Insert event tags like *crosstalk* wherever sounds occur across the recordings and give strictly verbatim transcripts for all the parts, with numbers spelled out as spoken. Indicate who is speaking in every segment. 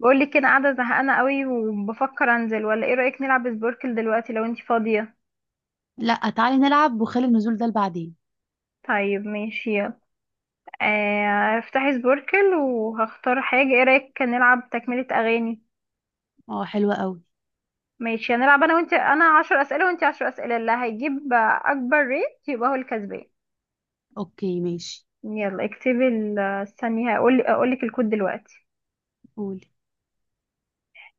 Speaker 1: بقول لك كده قاعده زهقانه قوي وبفكر انزل ولا ايه رايك نلعب سبوركل دلوقتي لو انتي فاضيه.
Speaker 2: لا، تعالي نلعب وخلي النزول ده لبعدين.
Speaker 1: طيب ماشي يلا. آه، افتحي سبوركل وهختار حاجه، ايه رايك كان نلعب تكمله اغاني.
Speaker 2: اه، حلوة قوي.
Speaker 1: ماشي، هنلعب انا وانتي، انا عشر اسئله وانتي عشر اسئله، اللي هيجيب اكبر ريت يبقى هو الكسبان.
Speaker 2: اوكي ماشي.
Speaker 1: يلا اكتبي ال- استني هقول اقول لك الكود دلوقتي.
Speaker 2: قولي.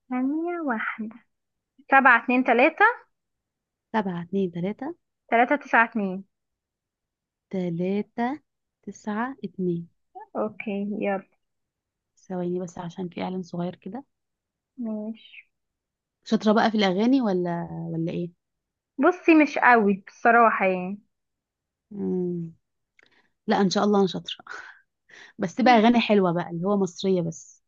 Speaker 1: ثانيه واحده. سبعة اتنين تلاتة.
Speaker 2: سبعة اتنين تلاتة.
Speaker 1: تلاتة تسعة اتنين.
Speaker 2: تلاتة تسعة اتنين.
Speaker 1: اوكي يلا.
Speaker 2: ثواني بس عشان في اعلان صغير كده.
Speaker 1: ماشي.
Speaker 2: شاطرة بقى في الاغاني ولا ولا ايه؟
Speaker 1: بصي مش قوي بصراحه يعني.
Speaker 2: مم. لا ان شاء الله انا شاطرة. بس تبقى اغاني حلوة بقى، اللي هو مصرية بس.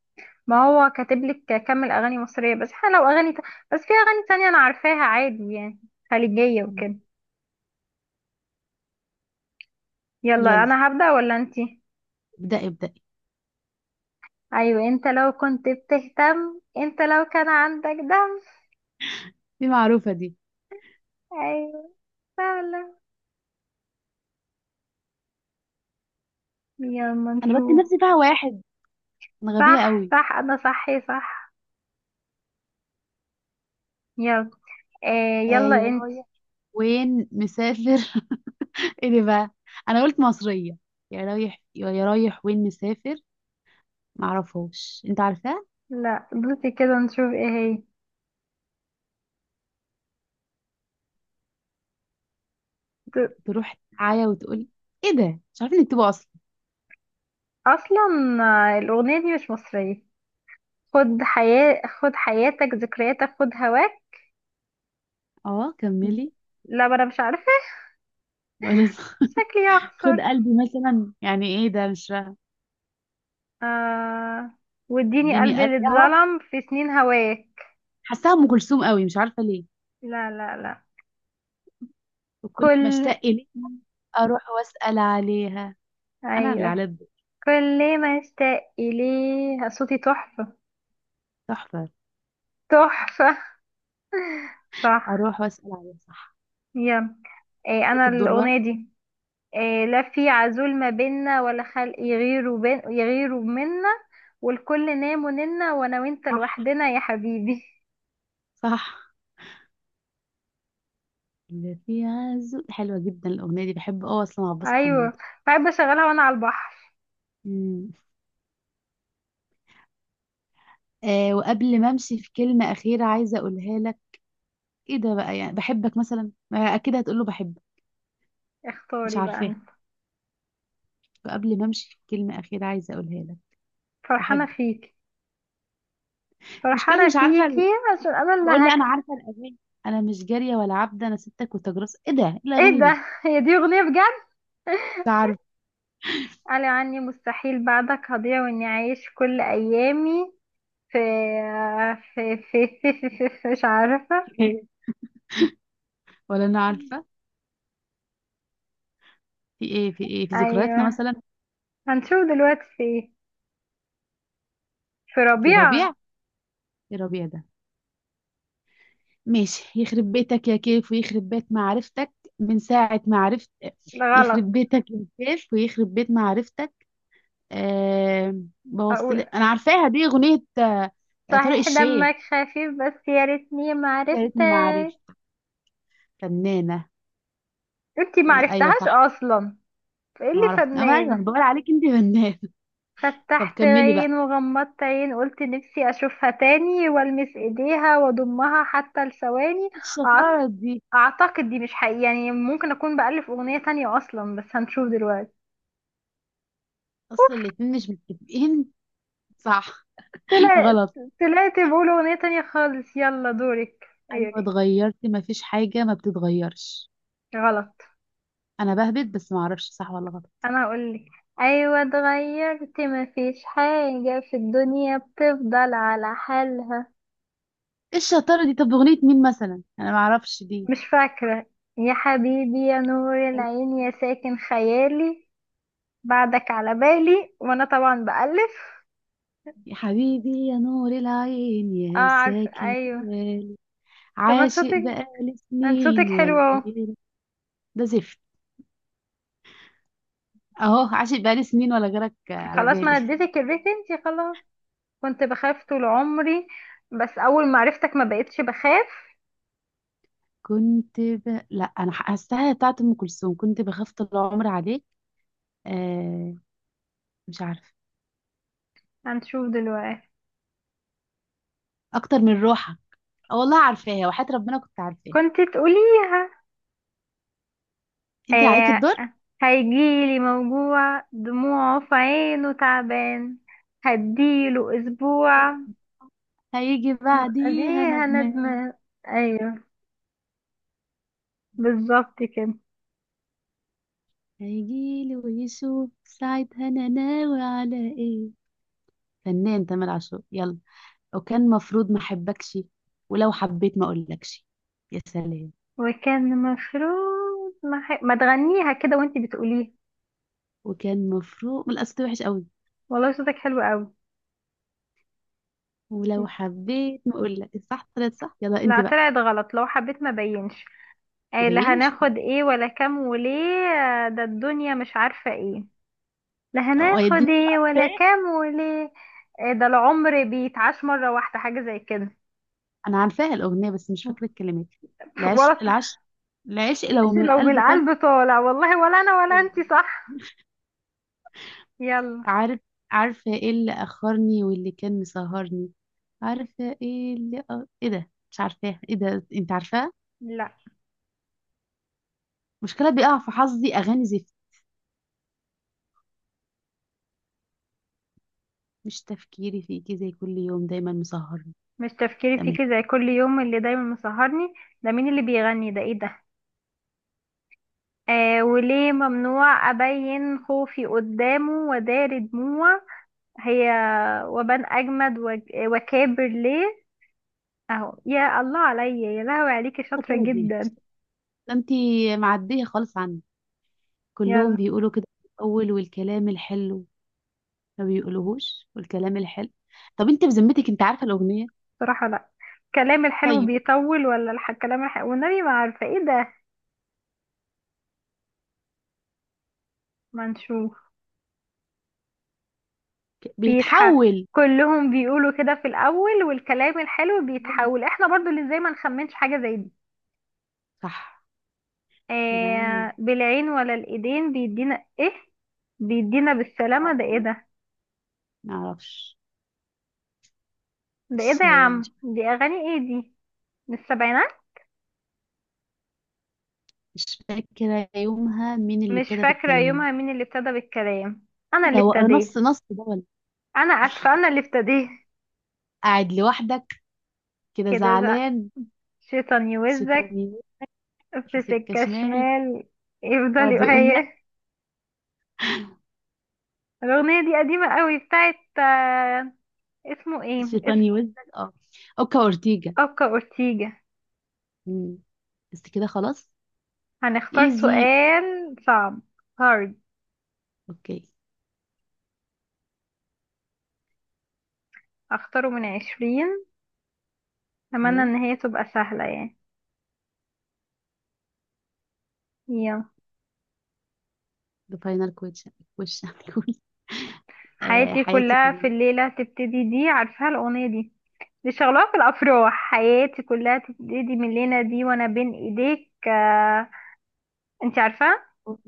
Speaker 1: ما هو كاتب لك كمل اغاني مصريه بس، احنا لو اغاني ت... بس في اغاني تانية انا عارفاها عادي يعني، خليجيه
Speaker 2: مم.
Speaker 1: وكده. يلا
Speaker 2: يلا
Speaker 1: انا هبدا ولا انتي؟
Speaker 2: ابدأي ابدأي.
Speaker 1: ايوه، انت لو كنت بتهتم انت لو كان عندك دم.
Speaker 2: دي معروفة دي.
Speaker 1: ايوه، فعلا. يلا
Speaker 2: انا بدي
Speaker 1: نشوف.
Speaker 2: نفسي فيها واحد. انا غبية
Speaker 1: صح
Speaker 2: قوي.
Speaker 1: صح، انا صحي صح. يلا. آه
Speaker 2: آه،
Speaker 1: يلا
Speaker 2: يا
Speaker 1: انت.
Speaker 2: رايح وين مسافر؟ ايه ده بقى؟ انا قلت مصريه. يا رايح يا رايح وين مسافر. معرفهاش، انت عارفاه؟
Speaker 1: لا بصي كده نشوف ايه هي. ت-
Speaker 2: تروح تعيا وتقول. ايه ده؟ مش عارفه انك تبقى اصلا.
Speaker 1: اصلا. آه، الاغنيه دي مش مصريه. خد حياة خد حياتك ذكرياتك خد هواك.
Speaker 2: اه كملي.
Speaker 1: لا ما انا مش عارفه.
Speaker 2: ولا *laughs*
Speaker 1: شكلي هخسر.
Speaker 2: خد قلبي مثلا، يعني ايه ده؟ مش فاهمه.
Speaker 1: آه، واديني
Speaker 2: اديني
Speaker 1: قلبي اللي
Speaker 2: قلبي اهو.
Speaker 1: اتظلم في سنين هواك.
Speaker 2: حاساها ام كلثوم قوي، مش عارفه ليه.
Speaker 1: لا لا لا.
Speaker 2: وكل ما
Speaker 1: كل،
Speaker 2: اشتاق ليه اروح واسال عليها. انا اللي
Speaker 1: ايوه،
Speaker 2: على الدور.
Speaker 1: كل ما اشتاق اليه صوتي تحفة.
Speaker 2: تحفه.
Speaker 1: تحفة. صح.
Speaker 2: اروح واسال عليها، صح.
Speaker 1: يلا. إيه انا
Speaker 2: عليك الدور بقى.
Speaker 1: الاغنية دي. إيه، لا في عزول ما بينا ولا خلق يغيروا بين يغيروا منا، والكل نام وننا وانا وانت
Speaker 2: صح،
Speaker 1: لوحدنا يا حبيبي. *laughs*
Speaker 2: صح. اللي في عزو، حلوه جدا الاغنيه دي، بحب اه اصلا عباس حمود.
Speaker 1: ايوه. بحب اشغلها وانا على البحر.
Speaker 2: مم. آه، وقبل ما امشي في كلمة أخيرة عايزة اقولها لك. ايه ده بقى؟ يعني بحبك مثلا، ما اكيد هتقول له بحبك. مش
Speaker 1: اختاري بقى
Speaker 2: عارفاه.
Speaker 1: انت.
Speaker 2: وقبل ما امشي في كلمة أخيرة عايزة اقولها لك.
Speaker 1: فرحانة
Speaker 2: بحبك.
Speaker 1: فيك.
Speaker 2: مشكلة،
Speaker 1: فرحانة
Speaker 2: مش عارفة ال-
Speaker 1: فيكي. عشان أنا اللي
Speaker 2: بقول لي انا
Speaker 1: هكسب.
Speaker 2: عارفة الأغاني. انا مش جارية ولا عبدة، انا ستك وتجرس. ايه ده؟ إيه
Speaker 1: إيه
Speaker 2: الأغاني دي؟
Speaker 1: ده، هي دي أغنية بجد؟
Speaker 2: مش
Speaker 1: *laughs*
Speaker 2: عارفة.
Speaker 1: قال عني مستحيل بعدك هضيع وإني أعيش كل أيامي في، في في في, في, في, في مش عارفة.
Speaker 2: *laughs* ولا انا عارفة. في ايه، في ايه، في ذكرياتنا
Speaker 1: أيوة،
Speaker 2: مثلا.
Speaker 1: هنشوف دلوقتي في إيه. في
Speaker 2: في
Speaker 1: ربيع.
Speaker 2: ربيع. في ربيع ده. ماشي، يخرب بيتك يا كيف ويخرب بيت معرفتك من ساعة ما عرفت.
Speaker 1: لا،
Speaker 2: يخرب
Speaker 1: غلط.
Speaker 2: بيتك يا كيف ويخرب بيت معرفتك. أه. بوصل،
Speaker 1: أقول:
Speaker 2: انا عارفاها دي اغنيه آه، طارق
Speaker 1: صحيح
Speaker 2: الشيخ.
Speaker 1: دمك خفيف بس يا ريتني
Speaker 2: يا ريتني ما
Speaker 1: معرفتك.
Speaker 2: عرفت. فنانه.
Speaker 1: انتي
Speaker 2: ايوه
Speaker 1: معرفتهاش
Speaker 2: صح.
Speaker 1: أصلا. فإيه
Speaker 2: انا ما
Speaker 1: اللي
Speaker 2: عرفت اما ايوه،
Speaker 1: فنان؟
Speaker 2: أنا بقول عليك انت فنانه. *laughs* طب
Speaker 1: فتحت
Speaker 2: كملي بقى.
Speaker 1: عين وغمضت عين قلت نفسي أشوفها تاني والمس ايديها واضمها حتى لثواني.
Speaker 2: إيه
Speaker 1: أعت-
Speaker 2: الشطاره دي؟
Speaker 1: اعتقد دي مش حقيقي يعني، ممكن اكون بألف اغنية تانية اصلا بس هنشوف دلوقتي.
Speaker 2: اصل الاتنين مش متفقين. صح. *laughs*
Speaker 1: طلعت.
Speaker 2: غلط.
Speaker 1: طلعت بقول اغنية تانية خالص. يلا دورك. إيه،
Speaker 2: ايوه اتغيرتي، ما فيش حاجه ما بتتغيرش.
Speaker 1: غلط.
Speaker 2: انا بهبت بس، ما اعرفش صح ولا غلط.
Speaker 1: انا هقولك، ايوه اتغيرت مفيش حاجة في الدنيا بتفضل على حالها.
Speaker 2: ايه الشطاره دي؟ طب اغنيه مين مثلا؟ انا ما اعرفش دي.
Speaker 1: مش فاكرة. يا حبيبي يا نور العين يا ساكن خيالي، بعدك على بالي، وانا طبعا بألف.
Speaker 2: يا حبيبي يا نور العين
Speaker 1: اه،
Speaker 2: يا
Speaker 1: عارف،
Speaker 2: ساكن.
Speaker 1: ايوه. طب ما انت
Speaker 2: عاشق
Speaker 1: صوتك
Speaker 2: بقالي
Speaker 1: ما انت صوتك
Speaker 2: سنين
Speaker 1: حلو
Speaker 2: ولا
Speaker 1: اهو.
Speaker 2: غيرك. ده زفت. اهو، عاشق بقالي سنين ولا غيرك على
Speaker 1: خلاص،
Speaker 2: بالي.
Speaker 1: ما أنا اديتك الريت انتي خلاص. كنت بخاف طول عمري، بس اول ما عرفتك ما بقتش بخاف.
Speaker 2: كنت ب... لا، انا حاساها بتاعت ام كلثوم، كنت بخاف طول عمري عليك. آه. مش عارفه.
Speaker 1: هنشوف دلوقتي.
Speaker 2: اكتر من روحك. اه والله عارفاها، وحياة ربنا كنت عارفاها.
Speaker 1: كنت تقوليها.
Speaker 2: انت اللي عليك
Speaker 1: آه.
Speaker 2: الدور.
Speaker 1: هيجيلي موجوع دموعه في عينه تعبان، هديله اسبوع.
Speaker 2: هيجي
Speaker 1: دي
Speaker 2: بعديها ندمان.
Speaker 1: ندمان. ايوه، بالظبط كده.
Speaker 2: هيجيلي ويشوف ساعتها انا ناوي على ايه. فنان تامر عاشور، يلا. وكان مفروض ما احبكش. ولو حبيت ما اقولكش. يا سلام.
Speaker 1: وكان المفروض ما, ح... ما تغنيها كده وانت بتقوليها،
Speaker 2: وكان مفروض من الاساس، وحش قوي.
Speaker 1: والله صوتك حلو قوي.
Speaker 2: ولو حبيت ما اقول لك، الصح طلعت صح، يلا انت
Speaker 1: لا
Speaker 2: بقى.
Speaker 1: طلعت غلط، لو حبيت ما بينش.
Speaker 2: ما
Speaker 1: آه، لا
Speaker 2: بينش.
Speaker 1: هناخد ايه ولا كام وليه. آه، ده الدنيا مش عارفة ايه. لا
Speaker 2: او يا
Speaker 1: هناخد
Speaker 2: الدنيا مش
Speaker 1: ايه ولا
Speaker 2: عارفاه.
Speaker 1: كام وليه. آه، ده العمر بيتعاش مرة واحدة حاجة زي كده.
Speaker 2: انا عارفاها الاغنيه بس مش فاكره الكلمات.
Speaker 1: *laughs*
Speaker 2: العش
Speaker 1: ولا.
Speaker 2: العش العشق لو
Speaker 1: عشان
Speaker 2: من
Speaker 1: لو
Speaker 2: القلب طال.
Speaker 1: بالقلب طالع، والله ولا انا ولا انتي. صح يلا.
Speaker 2: عارف. عارفه ايه اللي اخرني واللي كان مسهرني. عارفه ايه اللي أ... ايه ده؟ مش عارفاها. ايه ده انت عارفاها؟
Speaker 1: لا،
Speaker 2: مشكله بيقع في حظي اغاني زفت. مش تفكيري فيكي زي كل يوم دايما مسهرني.
Speaker 1: مش تفكيري
Speaker 2: تمام.
Speaker 1: فيكي زي كل يوم اللي دايما مسهرني. ده مين اللي بيغني ده، ايه ده؟ آه، وليه ممنوع أبين خوفي قدامه ودار دموع. هي. وبان أجمد وك- وكابر ليه. أهو، يا الله عليا، يا لهوي عليكي
Speaker 2: يا
Speaker 1: شاطرة
Speaker 2: ترى دي؟
Speaker 1: جدا.
Speaker 2: ده انتي معديه خالص عني. كلهم
Speaker 1: يلا.
Speaker 2: بيقولوا كده في الاول والكلام الحلو. ما بيقولوهوش والكلام الحلو. طب انت بذمتك انت عارفه الاغنيه؟
Speaker 1: بصراحة لأ. الكلام الحلو
Speaker 2: طيب،
Speaker 1: بيطول ولا الح- الكلام الحلو، والنبي ما عارفة ايه ده. ما نشوف.
Speaker 2: ك-
Speaker 1: بيتح
Speaker 2: بيتحول.
Speaker 1: كلهم بيقولوا كده في الأول، والكلام الحلو بيتحول. احنا برضو اللي زي ما نخمنش حاجة زي دي.
Speaker 2: صح. بالعين ولا
Speaker 1: آه بالعين ولا الإيدين بيدينا ايه، بيدينا بالسلامة، ده
Speaker 2: بالعين.
Speaker 1: ايه ده؟
Speaker 2: ما اعرفش.
Speaker 1: ده ايه
Speaker 2: مش
Speaker 1: ده يا عم،
Speaker 2: مش
Speaker 1: دي اغاني ايه دي؟ من السبعينات.
Speaker 2: مش فاكره يومها مين اللي
Speaker 1: مش
Speaker 2: ابتدى
Speaker 1: فاكرة
Speaker 2: بالكلام.
Speaker 1: يومها مين اللي ابتدى بالكلام. انا
Speaker 2: كده
Speaker 1: اللي
Speaker 2: هو
Speaker 1: ابتديت.
Speaker 2: نص نص ده ولا؟
Speaker 1: انا اسفة انا اللي ابتديت.
Speaker 2: قاعد لوحدك، كده
Speaker 1: كده زق
Speaker 2: زعلان.
Speaker 1: شيطان
Speaker 2: شيطان
Speaker 1: يوزك،
Speaker 2: يمين، في
Speaker 1: في
Speaker 2: سكه
Speaker 1: سكة
Speaker 2: شمال،
Speaker 1: شمال، يفضل
Speaker 2: يقعد يقول لك.
Speaker 1: يهيه. الاغنية دي قديمة قوي بتاعت آه، اسمه ايه
Speaker 2: شيطان
Speaker 1: اسم
Speaker 2: يوزك، اه. اوكا اورتيجا.
Speaker 1: اوكا اورتيجا.
Speaker 2: مم. بس كده خلاص.
Speaker 1: هنختار
Speaker 2: ايزي.
Speaker 1: سؤال صعب. هارد.
Speaker 2: اوكي
Speaker 1: اختاره من عشرين. اتمنى
Speaker 2: اوكي.
Speaker 1: ان هي تبقى سهلة يعني. يلا.
Speaker 2: The final question question. *laughs* Cool. آه،
Speaker 1: حياتي
Speaker 2: حياتي
Speaker 1: كلها في
Speaker 2: كلها.
Speaker 1: الليلة تبتدي، دي عارفاها الاغنية دي، دي شغلها في الافراح. حياتي كلها تبتدي من لينا دي وانا بين ايديك، آه. انت عارفه؟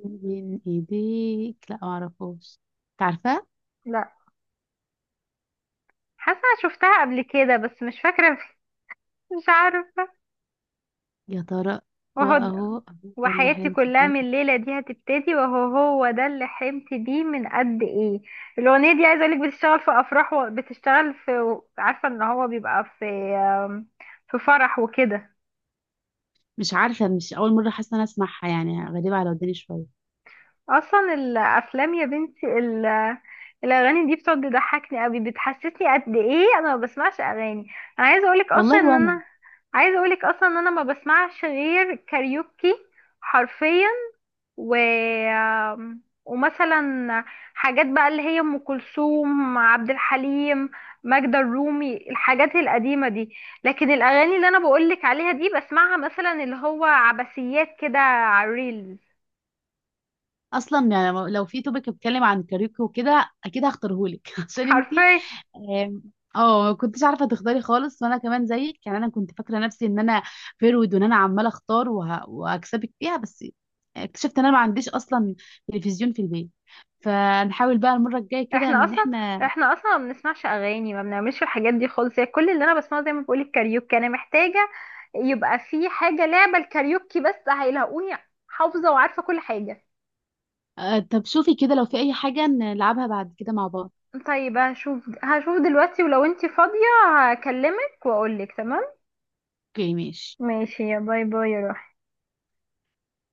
Speaker 2: بين ايديك. لا معرفوش. تعرفه؟
Speaker 1: لا. حاسه شفتها قبل كده بس مش فاكره. *laughs* مش عارفه.
Speaker 2: يا ترى.
Speaker 1: وهو.
Speaker 2: واهو أهو، ده اللي
Speaker 1: وحياتي
Speaker 2: حلمت
Speaker 1: كلها
Speaker 2: بيه.
Speaker 1: من الليله دي هتبتدي، وهو هو ده اللي حلمت بيه من قد ايه. الاغنيه دي عايزه اقولك بتشتغل في افراح، وبتشتغل في، عارفه ان هو بيبقى في، آم، في فرح وكده.
Speaker 2: مش عارفه، مش اول مره حاسه انا اسمعها، يعني غريبه على وداني شويه.
Speaker 1: اصلا الافلام يا بنتي ال- الاغاني دي بتقعد تضحكني قوي، بتحسسني قد ايه انا ما بسمعش اغاني. انا عايزه اقولك اصلا
Speaker 2: والله
Speaker 1: ان
Speaker 2: وانا
Speaker 1: انا عايزه اقولك اصلا ان انا ما بسمعش غير كاريوكي، حرفيا. و، ومثلا حاجات بقى اللي هي ام كلثوم، عبد الحليم، ماجدة الرومي، الحاجات القديمه دي. لكن الاغاني اللي انا بقولك عليها دي بسمعها مثلا اللي هو عباسيات كده على الريلز،
Speaker 2: اصلا، يعني لو في توبيك بيتكلم عن كاريوكي وكده اكيد هختارهولك، *laughs* عشان انت.
Speaker 1: حرفيا.
Speaker 2: آم، اه، ما كنتش عارفه تختاري خالص. وانا كمان زيك، يعني انا كنت فاكره نفسي ان انا فيرود، وان انا عماله اختار وه... وهكسبك فيها، بس اكتشفت ان انا ما عنديش اصلا تلفزيون في البيت. فنحاول بقى المره الجايه كده
Speaker 1: احنا
Speaker 2: ان
Speaker 1: اصلا
Speaker 2: احنا.
Speaker 1: احنا اصلا ما بنسمعش اغاني، ما بنعملش الحاجات دي خالص، هي كل اللي انا بسمعه زي ما بقول الكاريوكي. انا محتاجه يبقى في حاجه لعبه الكاريوكي، بس هيلاقوني حافظه وعارفه كل حاجه.
Speaker 2: آه، طب شوفي كده لو في اي حاجه نلعبها بعد كده مع بعض.
Speaker 1: طيب هشوف هشوف دلوقتي ولو انتي فاضيه هكلمك واقولك تمام.
Speaker 2: اوكي ماشي.
Speaker 1: ماشي، يا باي باي يا روحي.